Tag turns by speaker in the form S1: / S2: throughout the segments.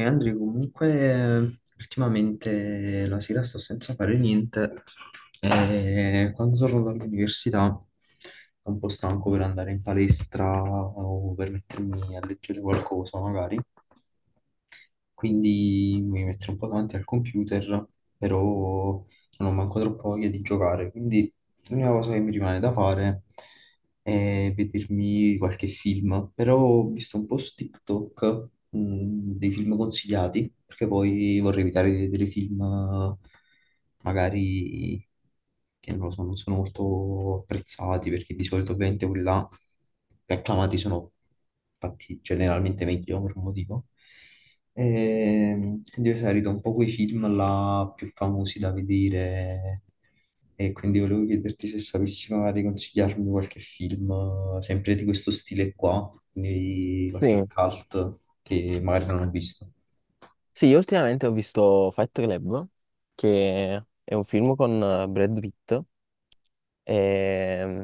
S1: E Andrea, comunque ultimamente la sera sto senza fare niente e quando torno dall'università sono un po' stanco per andare in palestra o per mettermi a leggere qualcosa magari, quindi mi metto un po' davanti al computer, però non ho manco troppo voglia di giocare, quindi l'unica cosa che mi rimane da fare è vedermi qualche film, però ho visto un po' su TikTok, dei film consigliati, perché poi vorrei evitare di vedere film magari che non lo so, non sono molto apprezzati, perché di solito ovviamente quelli là più acclamati sono fatti generalmente meglio per un motivo. Quindi ho esaurito un po' quei film là più famosi da vedere e quindi volevo chiederti se sapessi magari consigliarmi qualche film, sempre di questo stile qua, quindi
S2: Sì,
S1: qualche cult che magari non ho visto.
S2: sì, io ultimamente ho visto Fight Club, che è un film con Brad Pitt e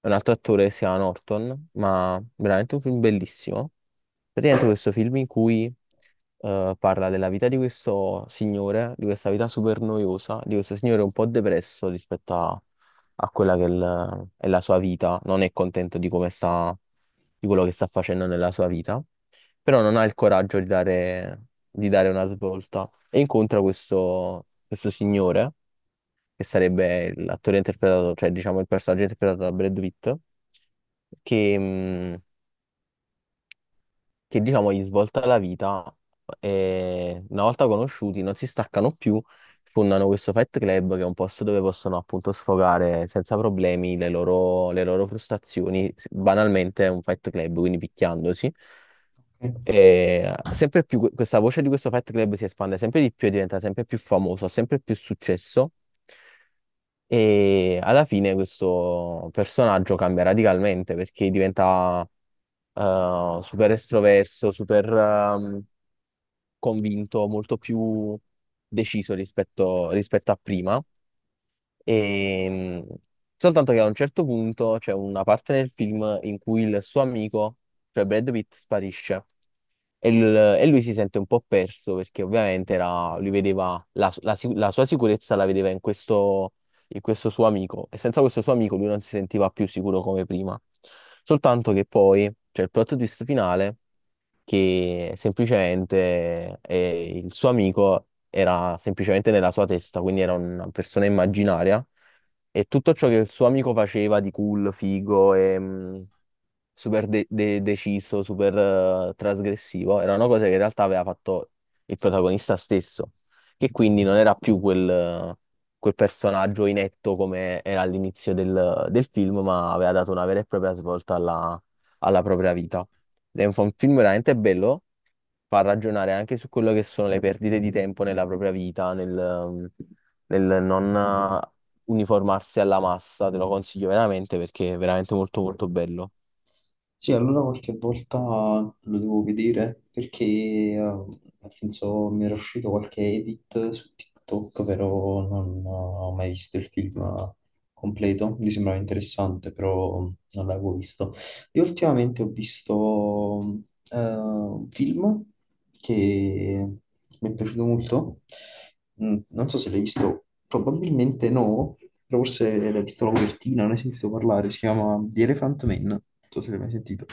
S2: un altro attore che si chiama Norton, ma veramente un film bellissimo. Praticamente questo film in cui parla della vita di questo signore, di questa vita super noiosa, di questo signore un po' depresso rispetto a quella che è, è la sua vita, non è contento di come sta, di quello che sta facendo nella sua vita, però non ha il coraggio di dare, una svolta e incontra questo signore, che sarebbe l'attore interpretato, cioè diciamo il personaggio interpretato da Brad Pitt, che, mh, che diciamo gli svolta la vita e, una volta conosciuti, non si staccano più, fondano questo Fight Club che è un posto dove possono appunto sfogare senza problemi le loro frustrazioni, banalmente è un Fight Club, quindi picchiandosi.
S1: Ok.
S2: E sempre più questa voce di questo Fight Club si espande sempre di più e diventa sempre più famoso, ha sempre più successo. E alla fine questo personaggio cambia radicalmente perché diventa super estroverso, super convinto, molto più deciso rispetto, a prima. E, mh, soltanto che a un certo punto c'è una parte nel film in cui il suo amico, cioè Brad Pitt, sparisce. E lui si sente un po' perso perché ovviamente era, lui vedeva la sua sicurezza, la vedeva in questo suo amico, e senza questo suo amico lui non si sentiva più sicuro come prima. Soltanto che poi c'è il plot twist finale, che semplicemente il suo amico era semplicemente nella sua testa, quindi era una persona immaginaria, e tutto ciò che il suo amico faceva di cool, figo e, super deciso, super trasgressivo, era una cosa che in realtà aveva fatto il protagonista stesso, che quindi non era più quel personaggio inetto come era all'inizio del, film, ma aveva dato una vera e propria svolta alla propria vita. Ed è un film veramente bello, fa ragionare anche su quello che sono le perdite di tempo nella propria vita, nel non eh, uniformarsi alla massa. Te lo consiglio veramente perché è veramente molto molto bello.
S1: Sì, allora qualche volta lo devo vedere perché, nel senso, mi era uscito qualche edit su TikTok, però non ho mai visto il film completo. Mi sembrava interessante, però non l'avevo visto. Io ultimamente ho visto un film che mi è piaciuto molto. Non so se l'hai visto, probabilmente no, però forse l'hai visto la copertina, non hai sentito parlare. Si chiama The Elephant Man. Non so se l'hai mai sentito.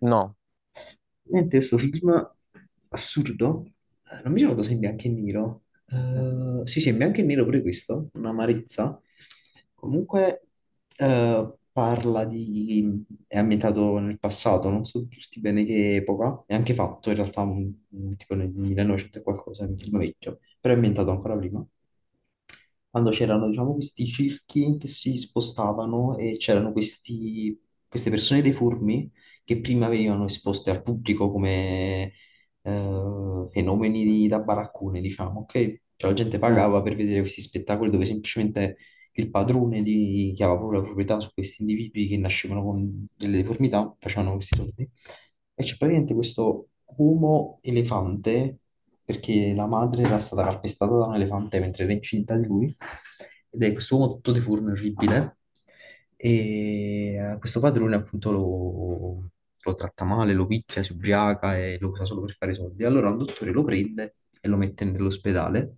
S2: No.
S1: Niente, questo film assurdo, non mi ricordo se è in bianco e nero. Sì sì, è in bianco e nero pure questo, un'amarezza, comunque parla di, è ambientato nel passato, non so dirti bene che epoca, è anche fatto in realtà un tipo nel 1900 e qualcosa, è un film vecchio, però è ambientato ancora prima, quando c'erano diciamo questi circhi che si spostavano e c'erano queste persone deformi che prima venivano esposte al pubblico come fenomeni da baraccone, diciamo, ok? Cioè la gente
S2: Mm,
S1: pagava per vedere questi spettacoli dove semplicemente che il padrone che aveva proprio la proprietà su questi individui che nascevano con delle deformità, facevano questi soldi. E c'è praticamente questo uomo elefante, perché la madre era stata calpestata da un elefante mentre era incinta di lui, ed è questo uomo tutto deforme, orribile, e questo padrone appunto lo, lo tratta male, lo picchia, si ubriaca e lo usa solo per fare soldi. Allora un dottore lo prende e lo mette nell'ospedale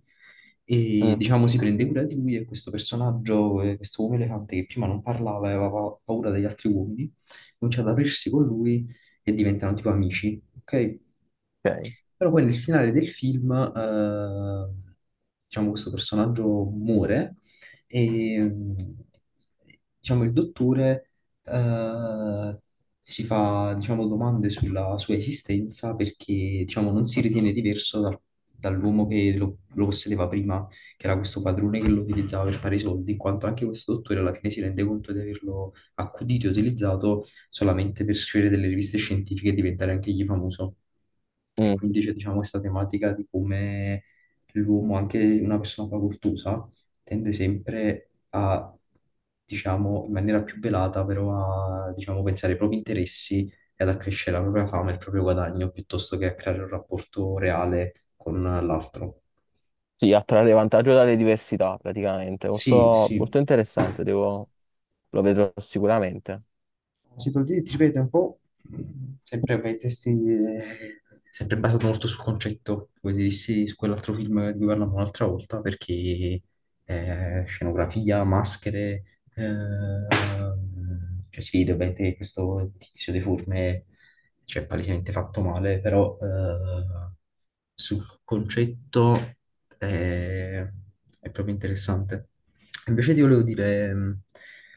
S1: e
S2: mm,
S1: diciamo si prende cura di lui e questo personaggio, questo uomo elefante che prima non parlava e aveva paura degli altri uomini, comincia ad aprirsi con lui e diventano tipo amici, ok?
S2: ok.
S1: Però poi nel finale del film, diciamo, questo personaggio muore e diciamo, il dottore eh, si fa diciamo, domande sulla sua esistenza perché diciamo, non si ritiene diverso dall'uomo che lo possedeva prima, che era questo padrone che lo utilizzava per fare i soldi, in quanto anche questo dottore alla fine si rende conto di averlo accudito e utilizzato solamente per scrivere delle riviste scientifiche e diventare anche egli famoso. E
S2: Mm.
S1: quindi c'è diciamo questa tematica di come l'uomo, anche una persona facoltosa, tende sempre a, diciamo, in maniera più velata, però a, diciamo, pensare ai propri interessi e ad accrescere la propria fama e il proprio guadagno piuttosto che a creare un rapporto reale con l'altro.
S2: Sì, a trarre vantaggio dalle diversità praticamente.
S1: Sì,
S2: Molto, molto
S1: sì.
S2: interessante, lo vedrò sicuramente.
S1: Citolini, ti ripeto, è un po' mh, sempre per i testi, sempre basato molto sul concetto, come ti dissi su quell'altro film di cui parlavamo un'altra volta, perché scenografia, maschere, eh, cioè si vede ovviamente questo tizio deforme cioè palesemente fatto male, però sul concetto è, è proprio interessante. Invece ti volevo dire,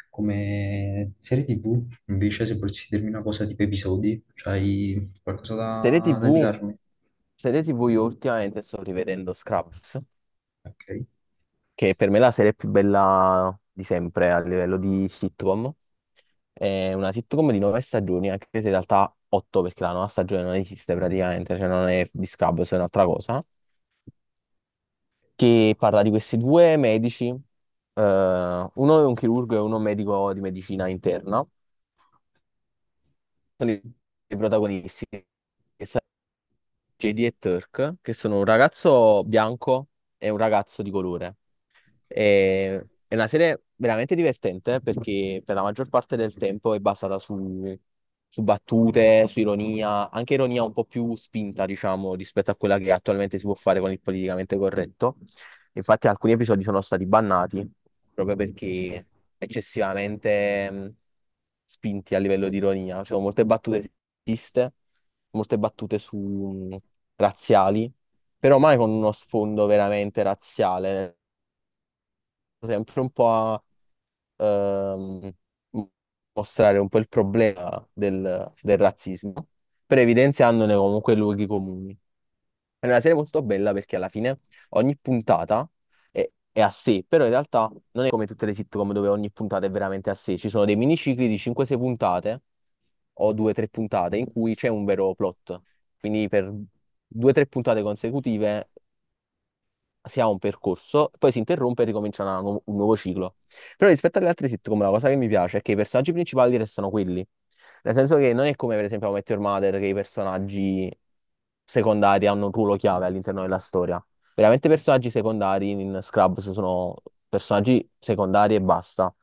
S1: come serie TV, invece se volessi dirmi una cosa tipo episodi, c'hai qualcosa
S2: Serie
S1: da
S2: TV,
S1: indicarmi?
S2: serie TV io ultimamente sto rivedendo Scraps,
S1: Ok.
S2: che per me è la serie più bella di sempre a livello di sitcom. È una sitcom di nove stagioni, anche se in realtà otto, perché la nona stagione non esiste praticamente, cioè non è di Scrubs, è un'altra cosa. Che parla di questi due medici, uno è un chirurgo e uno è un medico di medicina interna, sono i protagonisti, che sono JD e Turk, che sono un ragazzo bianco e un ragazzo di colore. È una serie veramente divertente, perché per la maggior parte del tempo è basata su, su battute, su ironia, anche ironia un po' più spinta, diciamo, rispetto a quella che attualmente si può fare con il politicamente corretto. Infatti alcuni episodi sono stati bannati proprio perché eccessivamente spinti a livello di ironia. Ci sono molte battute sessiste, molte battute su razziali, però mai con uno sfondo veramente razziale, sempre un po' a ehm, mostrare un po' il problema del razzismo, però evidenziandone comunque i luoghi comuni. È una serie molto bella perché alla fine ogni puntata è a sé, però in realtà non è come tutte le sitcom dove ogni puntata è veramente a sé. Ci sono dei minicicli di 5-6 puntate o 2-3 puntate in cui c'è un vero plot. Quindi per 2-3 puntate consecutive si ha un percorso, poi si interrompe e ricomincia una un nuovo ciclo. Però rispetto alle altre sitcom, la cosa che mi piace è che i personaggi principali restano quelli. Nel senso che non è come, per esempio, How I Met Your Mother, che i personaggi secondari hanno un ruolo chiave all'interno della storia. Veramente i personaggi secondari in Scrubs sono personaggi secondari e basta.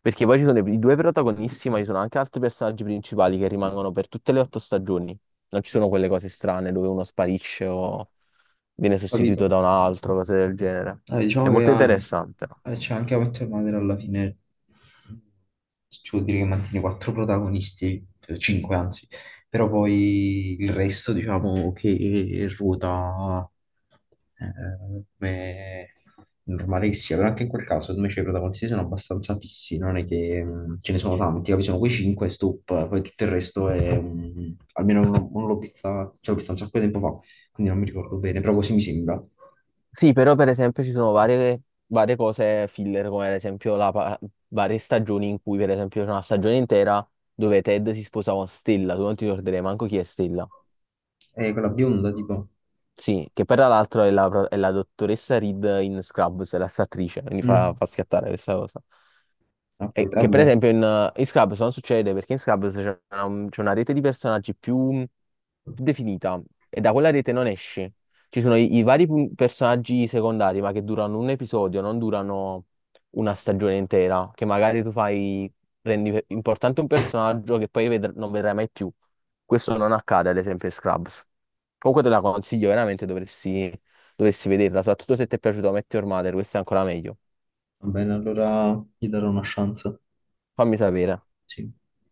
S2: Perché poi ci sono i due protagonisti, ma ci sono anche altri personaggi principali che rimangono per tutte le otto stagioni. Non ci
S1: Mm,
S2: sono quelle cose strane dove uno sparisce o viene
S1: Ho
S2: sostituito
S1: capito.
S2: da un altro, cose del genere.
S1: Eh,
S2: È
S1: diciamo che
S2: molto interessante.
S1: c'è anche a Met Your Mother alla fine, ci vuol dire che mantiene quattro protagonisti, cinque anzi, però poi il resto diciamo che ruota come normale che sia, però anche in quel caso secondo me cioè, i protagonisti sono abbastanza fissi, non è che ce ne sono tanti, capi? Sono quei cinque, stop, poi tutto il resto è, almeno non l'ho vista, cioè l'ho vista un sacco di tempo fa, quindi non mi ricordo bene, però così mi sembra.
S2: Sì, però per esempio ci sono varie, cose filler, come ad esempio varie stagioni in cui per esempio c'è una stagione intera dove Ted si sposa con Stella, tu non ti ricorderai manco chi è Stella.
S1: Quella bionda, tipo.
S2: Sì, che tra l'altro è la, è la dottoressa Reed in Scrubs, è la stessa attrice, quindi fa,
S1: Mm.
S2: fa schiattare questa cosa.
S1: Ho
S2: E
S1: capito,
S2: che per
S1: vabbè.
S2: esempio in Scrubs non succede, perché in Scrubs c'è una, rete di personaggi più definita, e da quella rete non esci. Ci sono i vari personaggi secondari, ma che durano un episodio, non durano una stagione intera, che magari tu rendi importante un personaggio che poi non vedrai mai più. Questo non accade, ad esempio, in Scrubs. Comunque te la consiglio, veramente dovresti, vederla, soprattutto se ti è piaciuto Met Your Mother, questo è ancora meglio.
S1: Va bene, allora gli darò una chance.
S2: Fammi sapere.
S1: Sì.